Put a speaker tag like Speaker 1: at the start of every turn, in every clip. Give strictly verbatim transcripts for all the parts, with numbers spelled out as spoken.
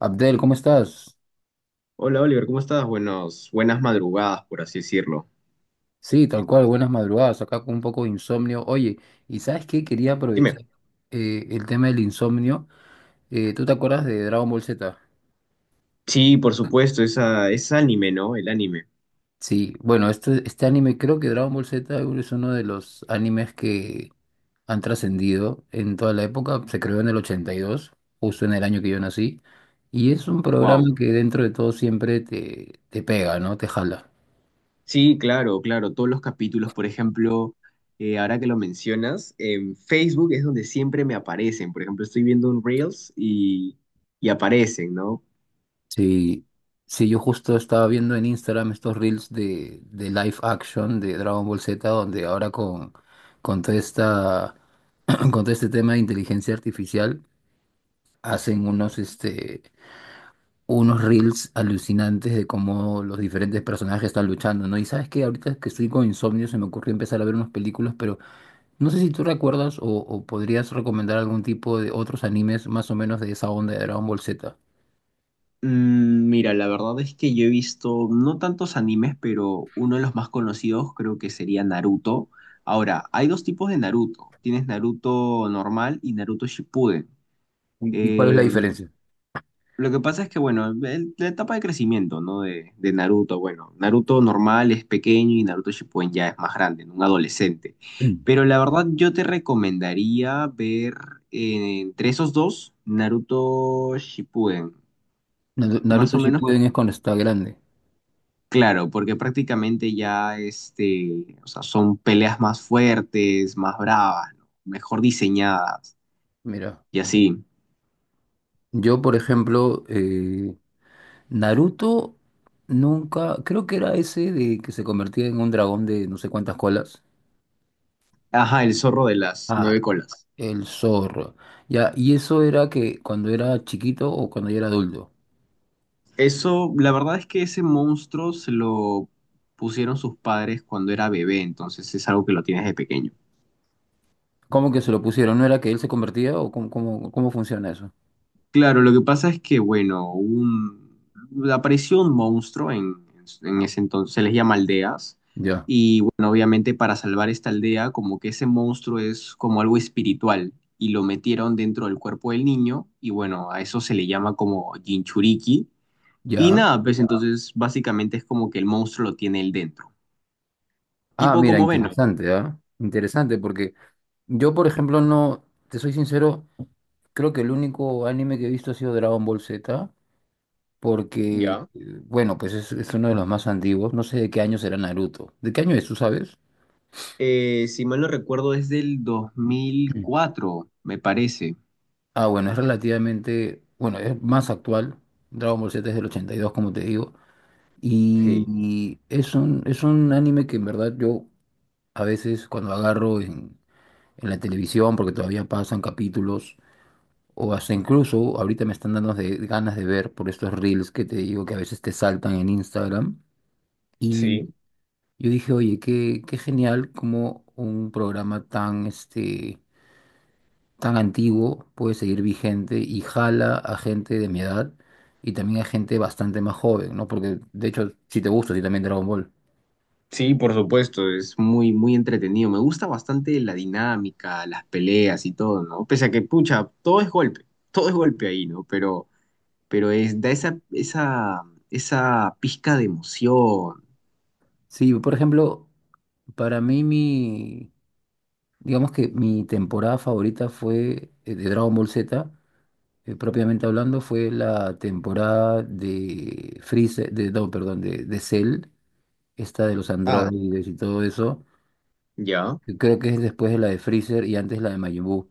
Speaker 1: Abdel, ¿cómo estás?
Speaker 2: Hola Oliver, ¿cómo estás? Buenos, buenas madrugadas, por así decirlo.
Speaker 1: Sí, tal cual, buenas madrugadas, acá con un poco de insomnio. Oye, ¿y sabes qué? Quería
Speaker 2: Dime.
Speaker 1: aprovechar eh, el tema del insomnio. Eh, ¿tú te acuerdas de Dragon Ball Z?
Speaker 2: Sí, por supuesto, esa, es anime, ¿no? El anime.
Speaker 1: Sí, bueno, este, este anime, creo que Dragon Ball Z es uno de los animes que han trascendido en toda la época. Se creó en el ochenta y dos, justo en el año que yo nací. Y es un programa
Speaker 2: Wow.
Speaker 1: que dentro de todo siempre te, te pega, ¿no? Te jala.
Speaker 2: Sí, claro, claro. Todos los capítulos, por ejemplo, eh, ahora que lo mencionas, en Facebook es donde siempre me aparecen. Por ejemplo, estoy viendo un Reels y, y aparecen, ¿no?
Speaker 1: Sí, sí, yo justo estaba viendo en Instagram estos reels de, de live action de Dragon Ball Z, donde ahora con, con toda esta, con todo este tema de inteligencia artificial, hacen unos, este, unos reels alucinantes de cómo los diferentes personajes están luchando, ¿no? Y sabes que ahorita que estoy con insomnio se me ocurrió empezar a ver unas películas, pero no sé si tú recuerdas o, o podrías recomendar algún tipo de otros animes más o menos de esa onda de Dragon Ball Z.
Speaker 2: Mm, mira, la verdad es que yo he visto no tantos animes, pero uno de los más conocidos creo que sería Naruto. Ahora, hay dos tipos de Naruto. Tienes Naruto normal y Naruto Shippuden.
Speaker 1: ¿Y, y cuál es la
Speaker 2: Eh,
Speaker 1: diferencia?
Speaker 2: lo que pasa es que, bueno, el- la etapa de crecimiento, ¿no? De, de Naruto, bueno, Naruto normal es pequeño y Naruto Shippuden ya es más grande, ¿no? Un adolescente. Pero la verdad yo te recomendaría ver eh, entre esos dos, Naruto Shippuden.
Speaker 1: Naru-
Speaker 2: Más
Speaker 1: Naruto
Speaker 2: o menos.
Speaker 1: Shippuden es cuando está grande.
Speaker 2: Claro, porque prácticamente ya este, o sea, son peleas más fuertes, más bravas, ¿no? Mejor diseñadas
Speaker 1: Mira,
Speaker 2: y así.
Speaker 1: yo por ejemplo, eh, Naruto nunca, creo que era ese de que se convertía en un dragón de no sé cuántas colas.
Speaker 2: Ajá, el zorro de las
Speaker 1: Ah,
Speaker 2: nueve colas.
Speaker 1: el zorro. Ya, y eso era que cuando era chiquito o cuando ya era adulto.
Speaker 2: Eso, la verdad es que ese monstruo se lo pusieron sus padres cuando era bebé, entonces es algo que lo tienes de pequeño.
Speaker 1: ¿Cómo que se lo pusieron? ¿No era que él se convertía o cómo, cómo, cómo funciona eso?
Speaker 2: Claro, lo que pasa es que, bueno, un, apareció un monstruo en, en ese entonces, se les llama aldeas,
Speaker 1: Ya,
Speaker 2: y bueno, obviamente para salvar esta aldea, como que ese monstruo es como algo espiritual, y lo metieron dentro del cuerpo del niño, y bueno, a eso se le llama como Jinchuriki, y
Speaker 1: ya.
Speaker 2: nada, pues entonces básicamente es como que el monstruo lo tiene él dentro,
Speaker 1: Ah,
Speaker 2: tipo
Speaker 1: mira,
Speaker 2: como Venom.
Speaker 1: interesante, ¿ah? Interesante porque yo por ejemplo no, te soy sincero. Creo que el único anime que he visto ha sido Dragon Ball Z, porque, eh,
Speaker 2: Ya.
Speaker 1: bueno, pues es, es uno de los más antiguos. No sé de qué año será Naruto. ¿De qué año es, tú sabes?
Speaker 2: Eh, si mal no recuerdo, es del dos mil cuatro me parece.
Speaker 1: Ah, bueno, es relativamente, bueno, es más actual. Dragon Ball Z es del ochenta y dos como te digo. Y,
Speaker 2: Sí.
Speaker 1: y es un, es un anime que en verdad yo a veces cuando agarro en, en la televisión, porque todavía pasan capítulos, o hasta incluso ahorita me están dando de, ganas de ver por estos reels que te digo que a veces te saltan en Instagram. Y
Speaker 2: Sí.
Speaker 1: yo dije, oye, qué, qué genial como un programa tan, este, tan antiguo puede seguir vigente y jala a gente de mi edad y también a gente bastante más joven, ¿no? Porque de hecho, si te gusta, sí también Dragon Ball.
Speaker 2: Sí, por supuesto, es muy, muy entretenido. Me gusta bastante la dinámica, las peleas y todo, ¿no? Pese a que, pucha, todo es golpe, todo es golpe ahí, ¿no? Pero, pero es, da esa, esa, esa pizca de emoción.
Speaker 1: Sí, por ejemplo, para mí mi, digamos que mi temporada favorita fue eh, de Dragon Ball Z, eh, propiamente hablando, fue la temporada de Freezer, de, no, perdón, de, de Cell, esta de los
Speaker 2: Ah,
Speaker 1: androides y todo eso.
Speaker 2: ¿ya?
Speaker 1: Que creo que es después de la de Freezer y antes la de Majin Buu.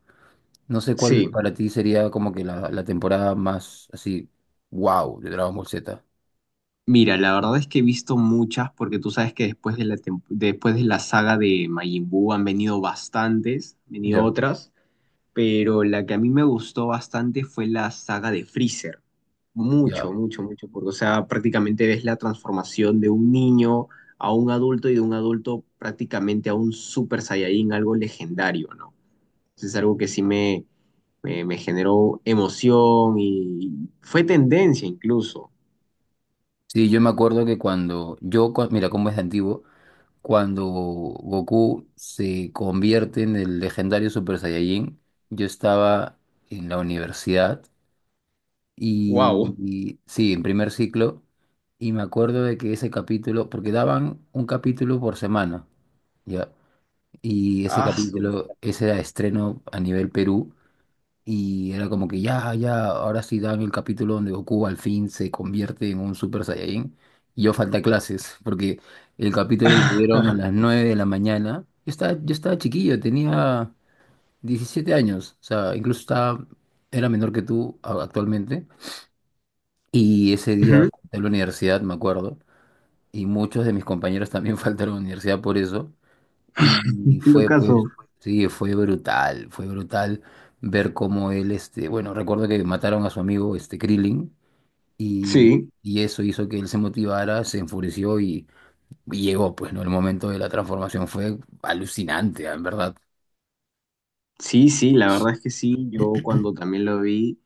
Speaker 1: No sé cuál
Speaker 2: Sí.
Speaker 1: para ti sería como que la, la temporada más así, wow, de Dragon Ball Z.
Speaker 2: Mira, la verdad es que he visto muchas, porque tú sabes que después de la, tem- después de la saga de Majin Buu han venido bastantes, han venido
Speaker 1: Ya,
Speaker 2: otras. Pero la que a mí me gustó bastante fue la saga de Freezer. Mucho,
Speaker 1: ya.
Speaker 2: mucho, mucho, porque, o sea, prácticamente ves la transformación de un niño a un adulto y de un adulto prácticamente a un Super Saiyajin, algo legendario, ¿no? Entonces es algo que sí me, me, me generó emoción y fue tendencia incluso.
Speaker 1: Sí, yo me acuerdo que cuando yo, cua- mira cómo es de antiguo, cuando Goku se convierte en el legendario Super Saiyajin, yo estaba en la universidad y,
Speaker 2: ¡Wow!
Speaker 1: y- sí, en primer ciclo, y me acuerdo de que ese capítulo, porque daban un capítulo por semana. ¿Ya? Y ese
Speaker 2: ¡Aso!
Speaker 1: capítulo, ese era estreno a nivel Perú. Y era como que ya, ya, ahora sí dan el capítulo donde Goku al fin se convierte en un Super Saiyajin. Y yo falta clases, porque el capítulo lo dieron a las nueve de la mañana. Yo estaba, yo estaba chiquillo, tenía diecisiete años. O sea, incluso estaba, era menor que tú a- actualmente. Y ese día
Speaker 2: Ujú.
Speaker 1: falté a la universidad, me acuerdo. Y muchos de mis compañeros también faltaron a la universidad por eso.
Speaker 2: En
Speaker 1: Y
Speaker 2: todo
Speaker 1: fue,
Speaker 2: caso,
Speaker 1: pues, sí, fue brutal, fue brutal ver cómo él, este, bueno, recuerdo que mataron a su amigo, este, Krillin, y,
Speaker 2: sí.
Speaker 1: y eso hizo que él se motivara, se enfureció y, y llegó, pues, ¿no? El momento de la transformación fue alucinante, en verdad.
Speaker 2: Sí, sí, la verdad es que sí, yo cuando también lo vi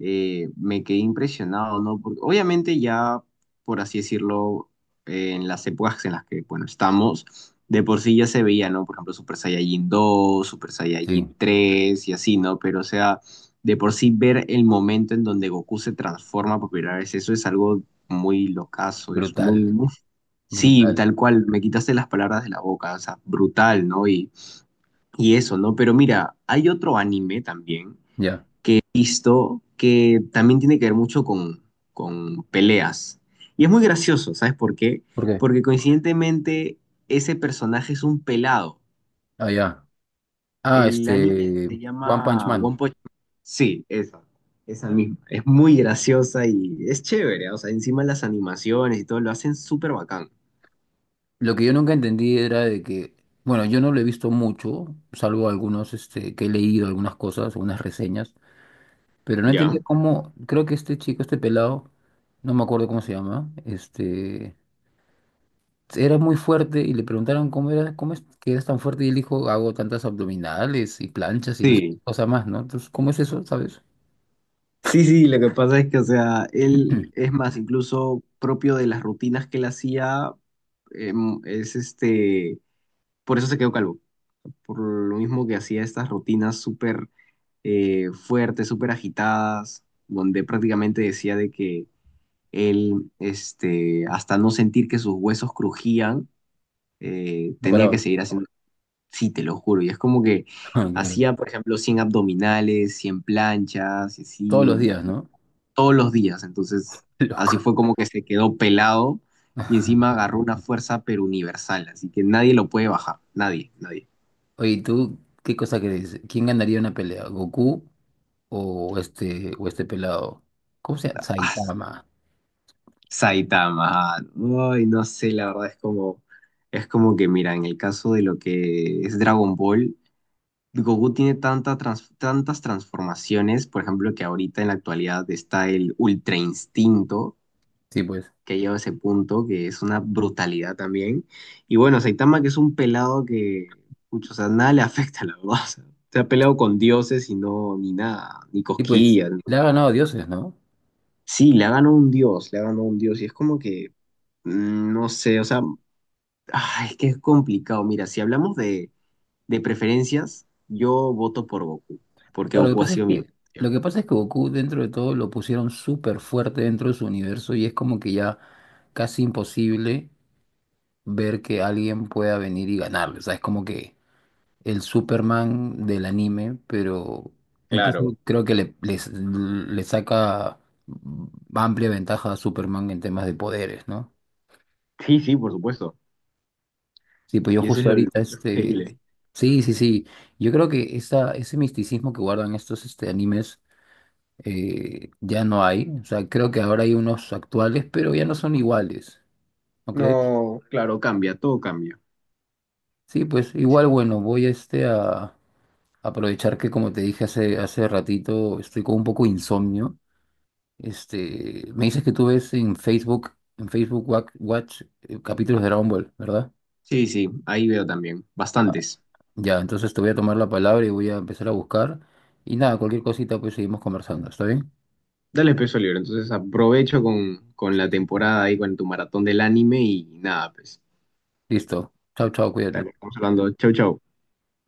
Speaker 2: eh, me quedé impresionado, ¿no? Porque obviamente ya, por así decirlo, eh, en las épocas en las que, bueno, estamos, de por sí ya se veía, ¿no? Por ejemplo, Super Saiyajin dos, Super Saiyajin
Speaker 1: Sí,
Speaker 2: tres y así, ¿no? Pero o sea, de por sí ver el momento en donde Goku se transforma por primera vez, eso es algo muy locazo, es muy,
Speaker 1: brutal,
Speaker 2: muy... Sí,
Speaker 1: brutal.
Speaker 2: tal cual, me quitaste las palabras de la boca, o sea, brutal, ¿no? Y y eso, ¿no? Pero mira, hay otro anime también
Speaker 1: Ya,
Speaker 2: que he visto que también tiene que ver mucho con, con peleas. Y es muy gracioso, ¿sabes por qué?
Speaker 1: ¿por qué?
Speaker 2: Porque coincidentemente ese personaje es un pelado.
Speaker 1: Ah, ya. Ah,
Speaker 2: El anime
Speaker 1: este,
Speaker 2: se
Speaker 1: One Punch
Speaker 2: llama One
Speaker 1: Man.
Speaker 2: Punch Man. Sí, esa, esa misma. Es muy graciosa y es chévere. O sea, encima las animaciones y todo lo hacen súper bacán.
Speaker 1: Lo que yo nunca entendí era de que, bueno, yo no lo he visto mucho, salvo algunos, este, que he leído algunas cosas, algunas reseñas. Pero no
Speaker 2: ¿Ya?
Speaker 1: entendía cómo, creo que este chico, este pelado, no me acuerdo cómo se llama, este, era muy fuerte y le preguntaron cómo era, cómo es que eras tan fuerte y él dijo, hago tantas abdominales y planchas y no sé qué
Speaker 2: Sí.
Speaker 1: cosa más, ¿no? Entonces, ¿cómo es eso, sabes?
Speaker 2: Sí, sí, lo que pasa es que, o sea, él es más incluso propio de las rutinas que él hacía, em, es este, por eso se quedó calvo, por lo mismo que hacía estas rutinas súper eh, fuertes, súper agitadas, donde prácticamente decía de que él, este, hasta no sentir que sus huesos crujían, eh,
Speaker 1: No
Speaker 2: tenía que
Speaker 1: paraba.
Speaker 2: seguir haciendo, sí, te lo juro, y es como que hacía, por ejemplo, cien abdominales, cien planchas, y
Speaker 1: Todos
Speaker 2: así,
Speaker 1: los días, ¿no?
Speaker 2: todos los días. Entonces, así
Speaker 1: Loco.
Speaker 2: fue como que se quedó pelado y encima agarró una fuerza pero universal, así que nadie lo puede bajar, nadie, nadie.
Speaker 1: Oye, ¿y ¿tú qué cosa crees? ¿Quién ganaría una pelea? ¿Goku o este, o este pelado? ¿Cómo se llama?
Speaker 2: Ah,
Speaker 1: Saitama.
Speaker 2: Saitama, ay, no sé, la verdad es como, es como que, mira, en el caso de lo que es Dragon Ball, Goku tiene tanta trans- tantas transformaciones, por ejemplo, que ahorita en la actualidad está el Ultra Instinto,
Speaker 1: Sí, pues.
Speaker 2: que ha llegado a ese punto, que es una brutalidad también. Y bueno, Saitama, que es un pelado que, pucho, o sea, nada le afecta, la verdad. O sea, se ha peleado con dioses y no, ni nada, ni
Speaker 1: Y pues,
Speaker 2: cosquillas. Ni-
Speaker 1: le ha ganado a dioses, ¿no?
Speaker 2: sí, le ha ganado un dios, le ha ganado un dios. Y es como que, mm, no sé, o sea, ah, es que es complicado. Mira, si hablamos de, de preferencias, yo voto por Goku, porque
Speaker 1: Claro, lo que
Speaker 2: Goku ha
Speaker 1: pasa es
Speaker 2: sido mi...
Speaker 1: que,
Speaker 2: infancia.
Speaker 1: lo que pasa es que Goku dentro de todo lo pusieron súper fuerte dentro de su universo y es como que ya casi imposible ver que alguien pueda venir y ganarle. O sea, es como que el Superman del anime, pero
Speaker 2: Claro.
Speaker 1: incluso creo que le, les- le saca amplia ventaja a Superman en temas de poderes, ¿no?
Speaker 2: Sí, sí, por supuesto.
Speaker 1: Sí, pues yo
Speaker 2: Y eso es
Speaker 1: justo
Speaker 2: lo,
Speaker 1: ahorita
Speaker 2: lo increíble.
Speaker 1: este... Sí, sí, sí. Yo creo que esa, ese misticismo que guardan estos este, animes eh, ya no hay. O sea, creo que ahora hay unos actuales, pero ya no son iguales, ¿no crees?
Speaker 2: No, claro, cambia, todo cambia.
Speaker 1: Sí, pues igual, bueno, voy este a aprovechar que como te dije hace, hace ratito, estoy con un poco de insomnio. Este, me dices que tú ves en Facebook, en Facebook Wa- Watch, eh, capítulos de Dragon Ball, ¿verdad?
Speaker 2: Sí, sí, ahí veo también, bastantes.
Speaker 1: Ya, entonces te voy a tomar la palabra y voy a empezar a buscar. Y nada, cualquier cosita, pues seguimos conversando, ¿está bien?
Speaker 2: Dale peso al libro, entonces aprovecho con, con la
Speaker 1: Sí.
Speaker 2: temporada ahí, con tu maratón del anime y nada, pues,
Speaker 1: Listo. Chao, chao, cuídate.
Speaker 2: dale, estamos hablando. Chau, chau.